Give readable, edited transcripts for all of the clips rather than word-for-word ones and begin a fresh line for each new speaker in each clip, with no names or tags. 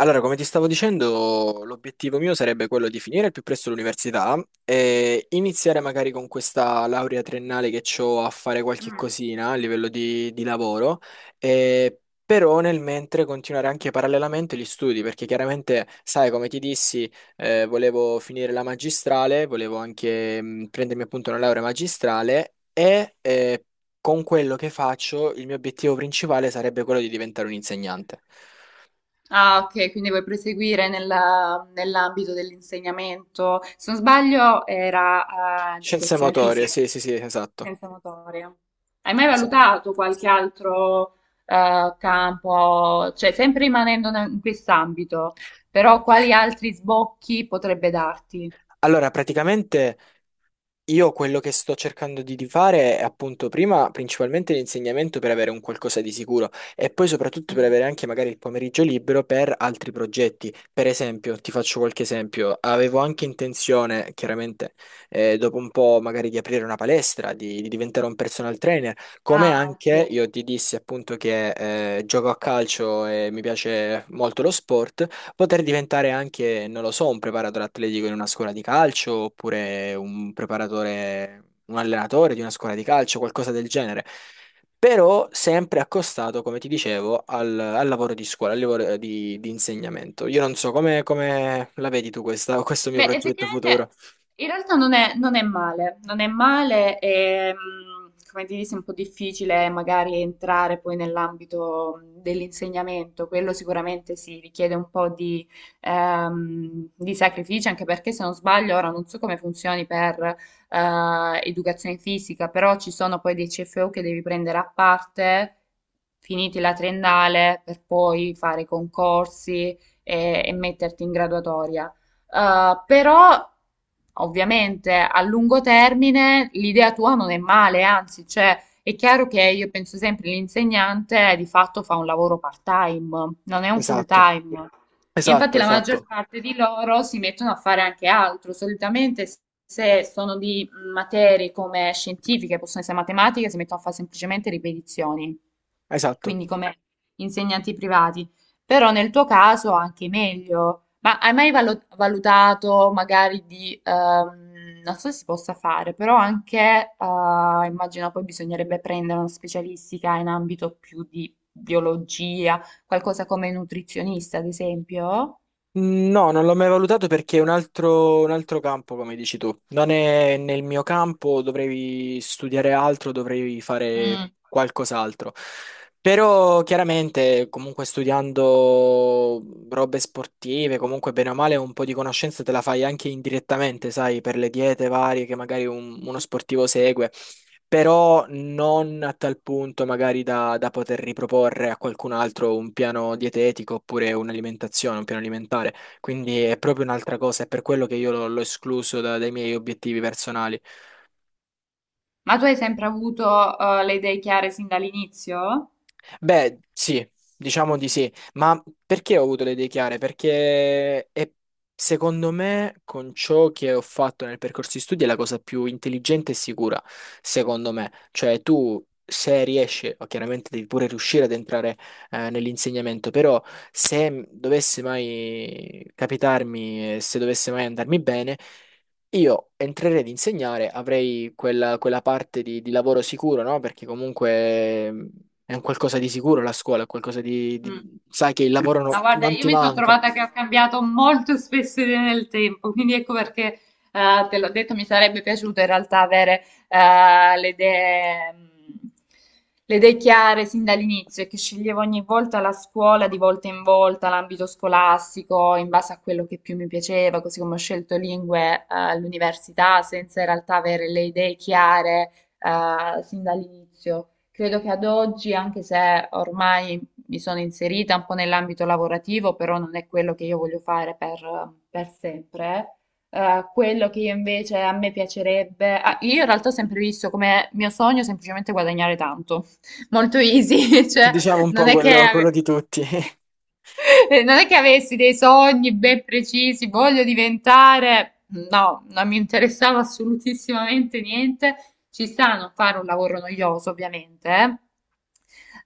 Allora, come ti stavo dicendo, l'obiettivo mio sarebbe quello di finire il più presto l'università e iniziare magari con questa laurea triennale che ho a fare qualche
Mm.
cosina a livello di lavoro, e però nel mentre continuare anche parallelamente gli studi, perché chiaramente, sai, come ti dissi, volevo finire la magistrale, volevo anche prendermi appunto una laurea magistrale e con quello che faccio il mio obiettivo principale sarebbe quello di diventare un insegnante.
Ah, ok, quindi vuoi proseguire nell'ambito dell'insegnamento. Se non sbaglio, era
Scienze
educazione
motorie,
fisica,
sì, sì, sì, esatto.
scienza motoria. Hai mai
Esatto.
valutato qualche altro campo, cioè sempre rimanendo in quest'ambito, però quali altri sbocchi potrebbe darti?
Allora, praticamente io quello che sto cercando di fare è appunto prima principalmente l'insegnamento per avere un qualcosa di sicuro e poi soprattutto per
Mm.
avere anche magari il pomeriggio libero per altri progetti. Per esempio, ti faccio qualche esempio, avevo anche intenzione, chiaramente, dopo un po' magari di aprire una palestra, di diventare un personal trainer, come
Ah,
anche
ok.
io ti dissi appunto che gioco a calcio e mi piace molto lo sport. Poter diventare anche, non lo so, un preparatore atletico in una scuola di calcio oppure un preparatore, un allenatore di una scuola di calcio, qualcosa del genere. Però sempre accostato, come ti dicevo, al lavoro di scuola, al lavoro di insegnamento. Io non so come la vedi tu questo mio
Beh,
progetto
effettivamente
futuro.
in realtà non è, non è male, non è male, e, come ti dici, è un po' difficile magari entrare poi nell'ambito dell'insegnamento, quello sicuramente si richiede un po' di sacrificio, anche perché se non sbaglio, ora non so come funzioni per educazione fisica, però ci sono poi dei CFU che devi prendere a parte, finiti la triennale, per poi fare i concorsi e metterti in graduatoria. Però ovviamente a lungo termine l'idea tua non è male, anzi, cioè, è chiaro che io penso sempre l'insegnante di fatto fa un lavoro part-time, non è un
Esatto,
full-time. E
esatto,
infatti la maggior
esatto,
parte di loro si mettono a fare anche altro. Solitamente se sono di materie come scientifiche, possono essere matematiche, si mettono a fare semplicemente ripetizioni,
esatto.
quindi come insegnanti privati. Però nel tuo caso anche meglio. Ma hai mai valutato magari di, non so se si possa fare, però anche, immagino poi bisognerebbe prendere una specialistica in ambito più di biologia, qualcosa come nutrizionista, ad esempio?
No, non l'ho mai valutato perché è un altro campo, come dici tu. Non è nel mio campo, dovrei studiare altro, dovrei fare
Mm.
qualcos'altro. Però chiaramente, comunque studiando robe sportive, comunque bene o male, un po' di conoscenza te la fai anche indirettamente, sai, per le diete varie che magari uno sportivo segue però non a tal punto magari da poter riproporre a qualcun altro un piano dietetico oppure un'alimentazione, un piano alimentare. Quindi è proprio un'altra cosa, è per quello che io l'ho escluso dai miei obiettivi personali.
Ma tu hai sempre avuto, le idee chiare sin dall'inizio?
Beh, sì, diciamo di sì, ma perché ho avuto le idee chiare? Perché secondo me con ciò che ho fatto nel percorso di studi è la cosa più intelligente e sicura, secondo me. Cioè tu se riesci, o chiaramente devi pure riuscire ad entrare nell'insegnamento, però se dovesse mai capitarmi, e se dovesse mai andarmi bene, io entrerei ad insegnare, avrei quella parte di lavoro sicuro, no? Perché comunque... È un qualcosa di sicuro la scuola, è qualcosa. Sai che il lavoro
No, guarda,
non
io
ti
mi sono
manca.
trovata che ho cambiato molto spesso idea nel tempo, quindi ecco perché te l'ho detto, mi sarebbe piaciuto in realtà avere eh, le idee, mh, le idee chiare sin dall'inizio e che sceglievo ogni volta la scuola, di volta in volta, l'ambito scolastico, in base a quello che più mi piaceva, così come ho scelto lingue all'università, senza in realtà avere le idee chiare sin dall'inizio. Credo che ad oggi, anche se ormai mi sono inserita un po' nell'ambito lavorativo, però non è quello che io voglio fare per sempre. Quello che io invece a me piacerebbe, ah, io in realtà ho sempre visto come mio sogno semplicemente guadagnare tanto, molto easy, cioè
Diciamo un
non
po'
è che
quello,
ave-
quello di tutti.
non è che avessi dei sogni ben precisi, voglio diventare, no, non mi interessava assolutissimamente niente. Ci sta a non fare un lavoro noioso, ovviamente, eh.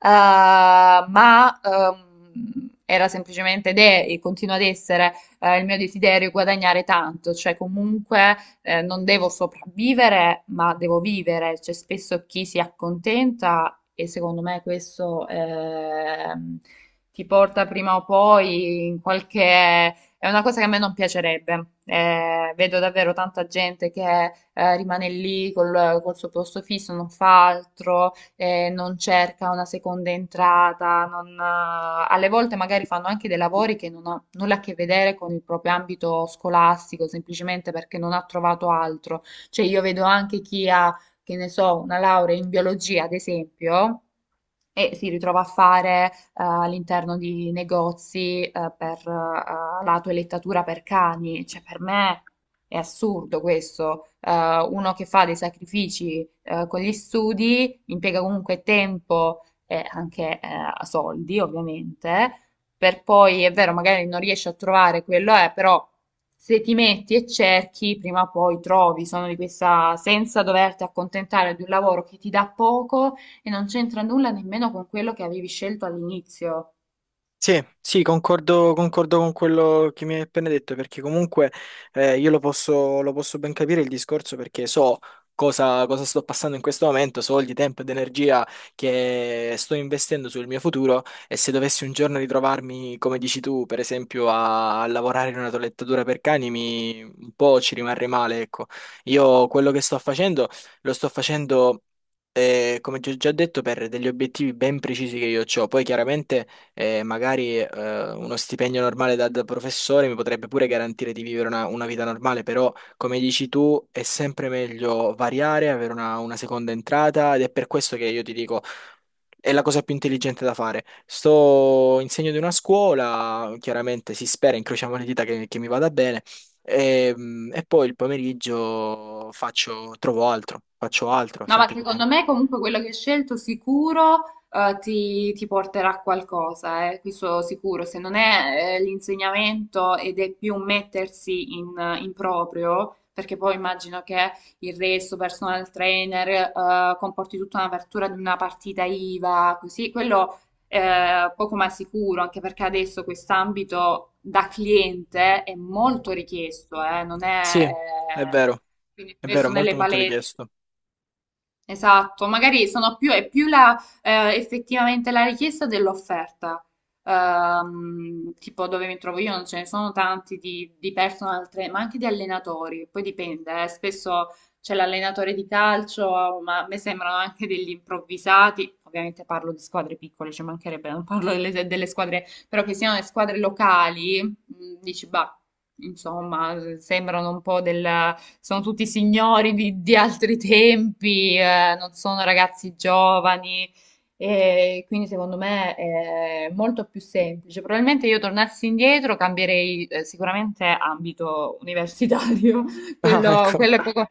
Ma era semplicemente ed è e continua ad essere il mio desiderio guadagnare tanto, cioè comunque non devo sopravvivere, ma devo vivere. C'è spesso chi si accontenta e secondo me questo ti porta prima o poi in qualche. È una cosa che a me non piacerebbe. Vedo davvero tanta gente che rimane lì col suo posto fisso, non fa altro, non cerca una seconda entrata. Non, alle volte magari fanno anche dei lavori che non hanno nulla a che vedere con il proprio ambito scolastico, semplicemente perché non ha trovato altro. Cioè, io vedo anche chi ha, che ne so, una laurea in biologia, ad esempio e si ritrova a fare all'interno di negozi per la toelettatura per cani. Cioè, per me è assurdo questo. Uno che fa dei sacrifici con gli studi, impiega comunque tempo e anche soldi, ovviamente, per poi, è vero, magari non riesci a trovare quello, però. Se ti metti e cerchi, prima o poi trovi, sono di questa senza doverti accontentare di un lavoro che ti dà poco, e non c'entra nulla nemmeno con quello che avevi scelto all'inizio.
Sì, sì, concordo, concordo con quello che mi hai appena detto, perché comunque io lo posso ben capire il discorso perché so cosa sto passando in questo momento, so il tempo ed energia che sto investendo sul mio futuro e se dovessi un giorno ritrovarmi, come dici tu, per esempio a lavorare in una toilettatura per cani, un po' ci rimarrei male, ecco. Io quello che sto facendo lo sto facendo... come ti ho già detto, per degli obiettivi ben precisi che io ho, poi chiaramente e magari uno stipendio normale da professore mi potrebbe pure garantire di vivere una vita normale, però come dici tu è sempre meglio variare, avere una seconda entrata ed è per questo che io ti dico è la cosa più intelligente da fare. Sto in segno di una scuola, chiaramente si spera, incrociamo le dita che mi vada bene e poi il pomeriggio faccio, trovo altro, faccio altro
No, ma secondo
semplicemente.
me comunque quello che hai scelto sicuro ti porterà a qualcosa, questo sicuro. Se non è l'insegnamento ed è più mettersi in proprio, perché poi immagino che il resto, personal trainer, comporti tutta un'apertura di una partita IVA, così, quello poco ma sicuro, anche perché adesso quest'ambito da cliente è molto richiesto, non
Sì,
è,
è vero,
quindi
è vero,
spesso
è
nelle
molto molto
palestre.
richiesto.
Esatto, magari sono più, è più la, effettivamente la richiesta dell'offerta. Tipo dove mi trovo io non ce ne sono tanti di personal trainer, ma anche di allenatori. Poi dipende, spesso c'è l'allenatore di calcio, ma a me sembrano anche degli improvvisati. Ovviamente parlo di squadre piccole, ci mancherebbe, non parlo delle squadre, però che siano le squadre locali, dici, bah, insomma, sembrano un po' del. Sono tutti signori di altri tempi, non sono ragazzi giovani. E quindi secondo me è molto più semplice. Probabilmente io tornassi indietro cambierei sicuramente ambito universitario,
Ah,
quello,
ecco,
quello è poco.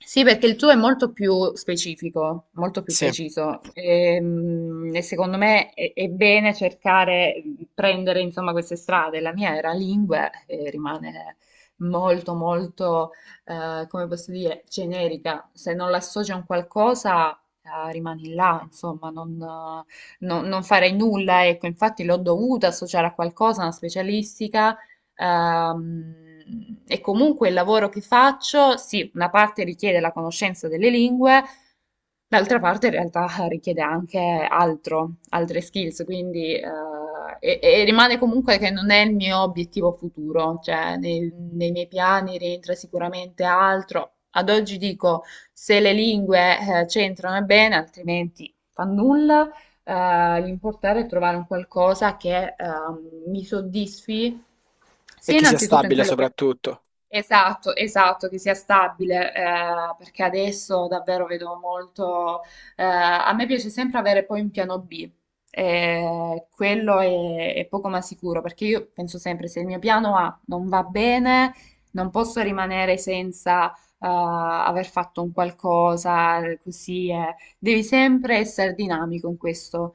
Sì, perché il tuo è molto più specifico, molto più
sì.
preciso. E, secondo me è bene cercare, prendere insomma queste strade. La mia era lingue e rimane molto molto come posso dire, generica, se non l'associ a un qualcosa, rimani là, insomma, non farei nulla, ecco, infatti l'ho dovuta associare a qualcosa, a una specialistica, Ehm, e comunque il lavoro che faccio, sì, una parte richiede la conoscenza delle lingue, d'altra parte in realtà richiede anche altro, altre skills, quindi e rimane comunque che non è il mio obiettivo futuro, cioè nei miei piani rientra sicuramente altro. Ad oggi dico se le lingue c'entrano è bene, altrimenti fa nulla l'importare è trovare un qualcosa che mi soddisfi,
E
sia
che sia
innanzitutto in
stabile
quello che...
soprattutto.
Esatto, esatto, che sia stabile, perché adesso davvero vedo molto. A me piace sempre avere poi un piano B. Quello è poco ma sicuro perché io penso sempre se il mio piano A non va bene, non posso rimanere senza aver fatto un qualcosa così. Devi sempre essere dinamico in questo.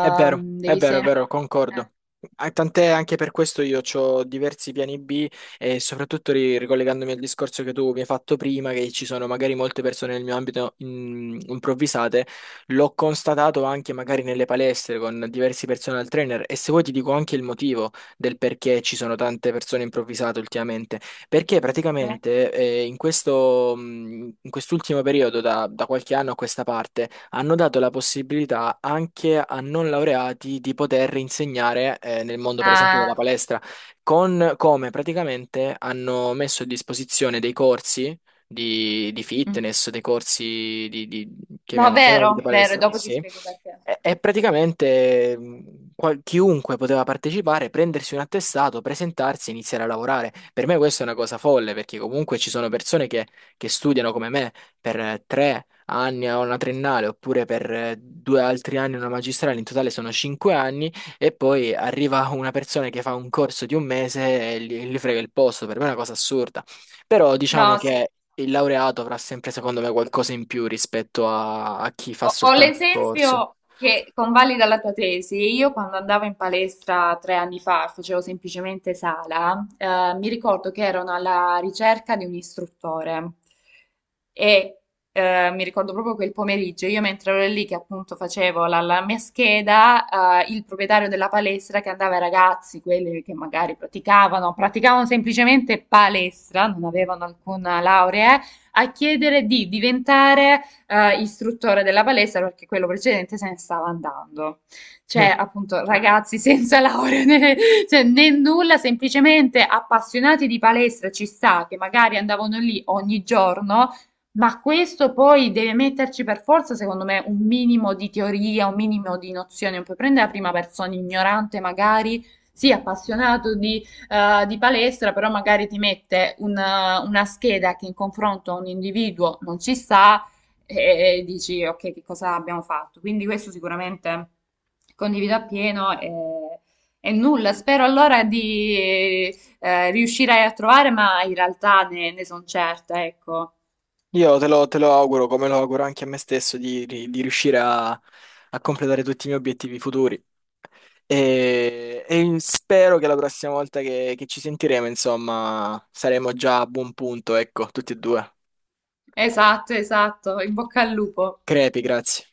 È vero, è
devi
vero, è
sempre...
vero,
eh,
concordo. Ah, tant'è anche per questo io ho diversi piani B e soprattutto ricollegandomi al discorso che tu mi hai fatto prima, che ci sono magari molte persone nel mio ambito improvvisate, l'ho constatato anche magari nelle palestre con diversi personal trainer e se vuoi ti dico anche il motivo del perché ci sono tante persone improvvisate ultimamente, perché
cioè?
praticamente in questo, in quest'ultimo periodo, da qualche anno a questa parte, hanno dato la possibilità anche a non laureati di poter insegnare nel mondo, per esempio, della
Ah,
palestra, con come praticamente hanno messo a disposizione dei corsi di
mm.
fitness, dei corsi
No, vero,
chiamiamoli di
vero,
palestra,
dopo ti
sì,
spiego perché.
e praticamente chiunque poteva partecipare, prendersi un attestato, presentarsi e iniziare a lavorare. Per me questa è una cosa folle, perché comunque ci sono persone che studiano come me per 3 anni a una triennale, oppure per due altri anni a una magistrale, in totale sono 5 anni, e poi arriva una persona che fa un corso di un mese e gli frega il posto. Per me è una cosa assurda. Però diciamo
No, sì.
che il laureato avrà sempre, secondo me, qualcosa in più rispetto a chi fa
Ho
soltanto il corso.
l'esempio che convalida la tua tesi. Io quando andavo in palestra 3 anni fa, facevo semplicemente sala, mi ricordo che erano alla ricerca di un istruttore e mi ricordo proprio quel pomeriggio, io mentre ero lì che appunto facevo la mia scheda, il proprietario della palestra che andava ai ragazzi, quelli che magari praticavano semplicemente palestra, non avevano alcuna laurea, a chiedere di diventare istruttore della palestra perché quello precedente se ne stava andando.
Eh,
Cioè, appunto, ragazzi senza laurea né, cioè, né nulla, semplicemente appassionati di palestra ci sta, che magari andavano lì ogni giorno, ma questo poi deve metterci per forza, secondo me, un minimo di teoria, un minimo di nozione. Non puoi prendere la prima persona ignorante, magari, sì, appassionato di palestra, però magari ti mette una scheda che in confronto a un individuo non ci sta e dici ok, che cosa abbiamo fatto? Quindi questo sicuramente condivido appieno e nulla, spero allora di riuscire a trovare, ma in realtà ne sono certa, ecco.
Io te lo auguro, come lo auguro anche a me stesso, di riuscire a completare tutti i miei obiettivi futuri. E spero che la prossima volta che ci sentiremo, insomma, saremo già a buon punto, ecco, tutti e due.
Esatto, esatto, in bocca al lupo.
Crepi, grazie.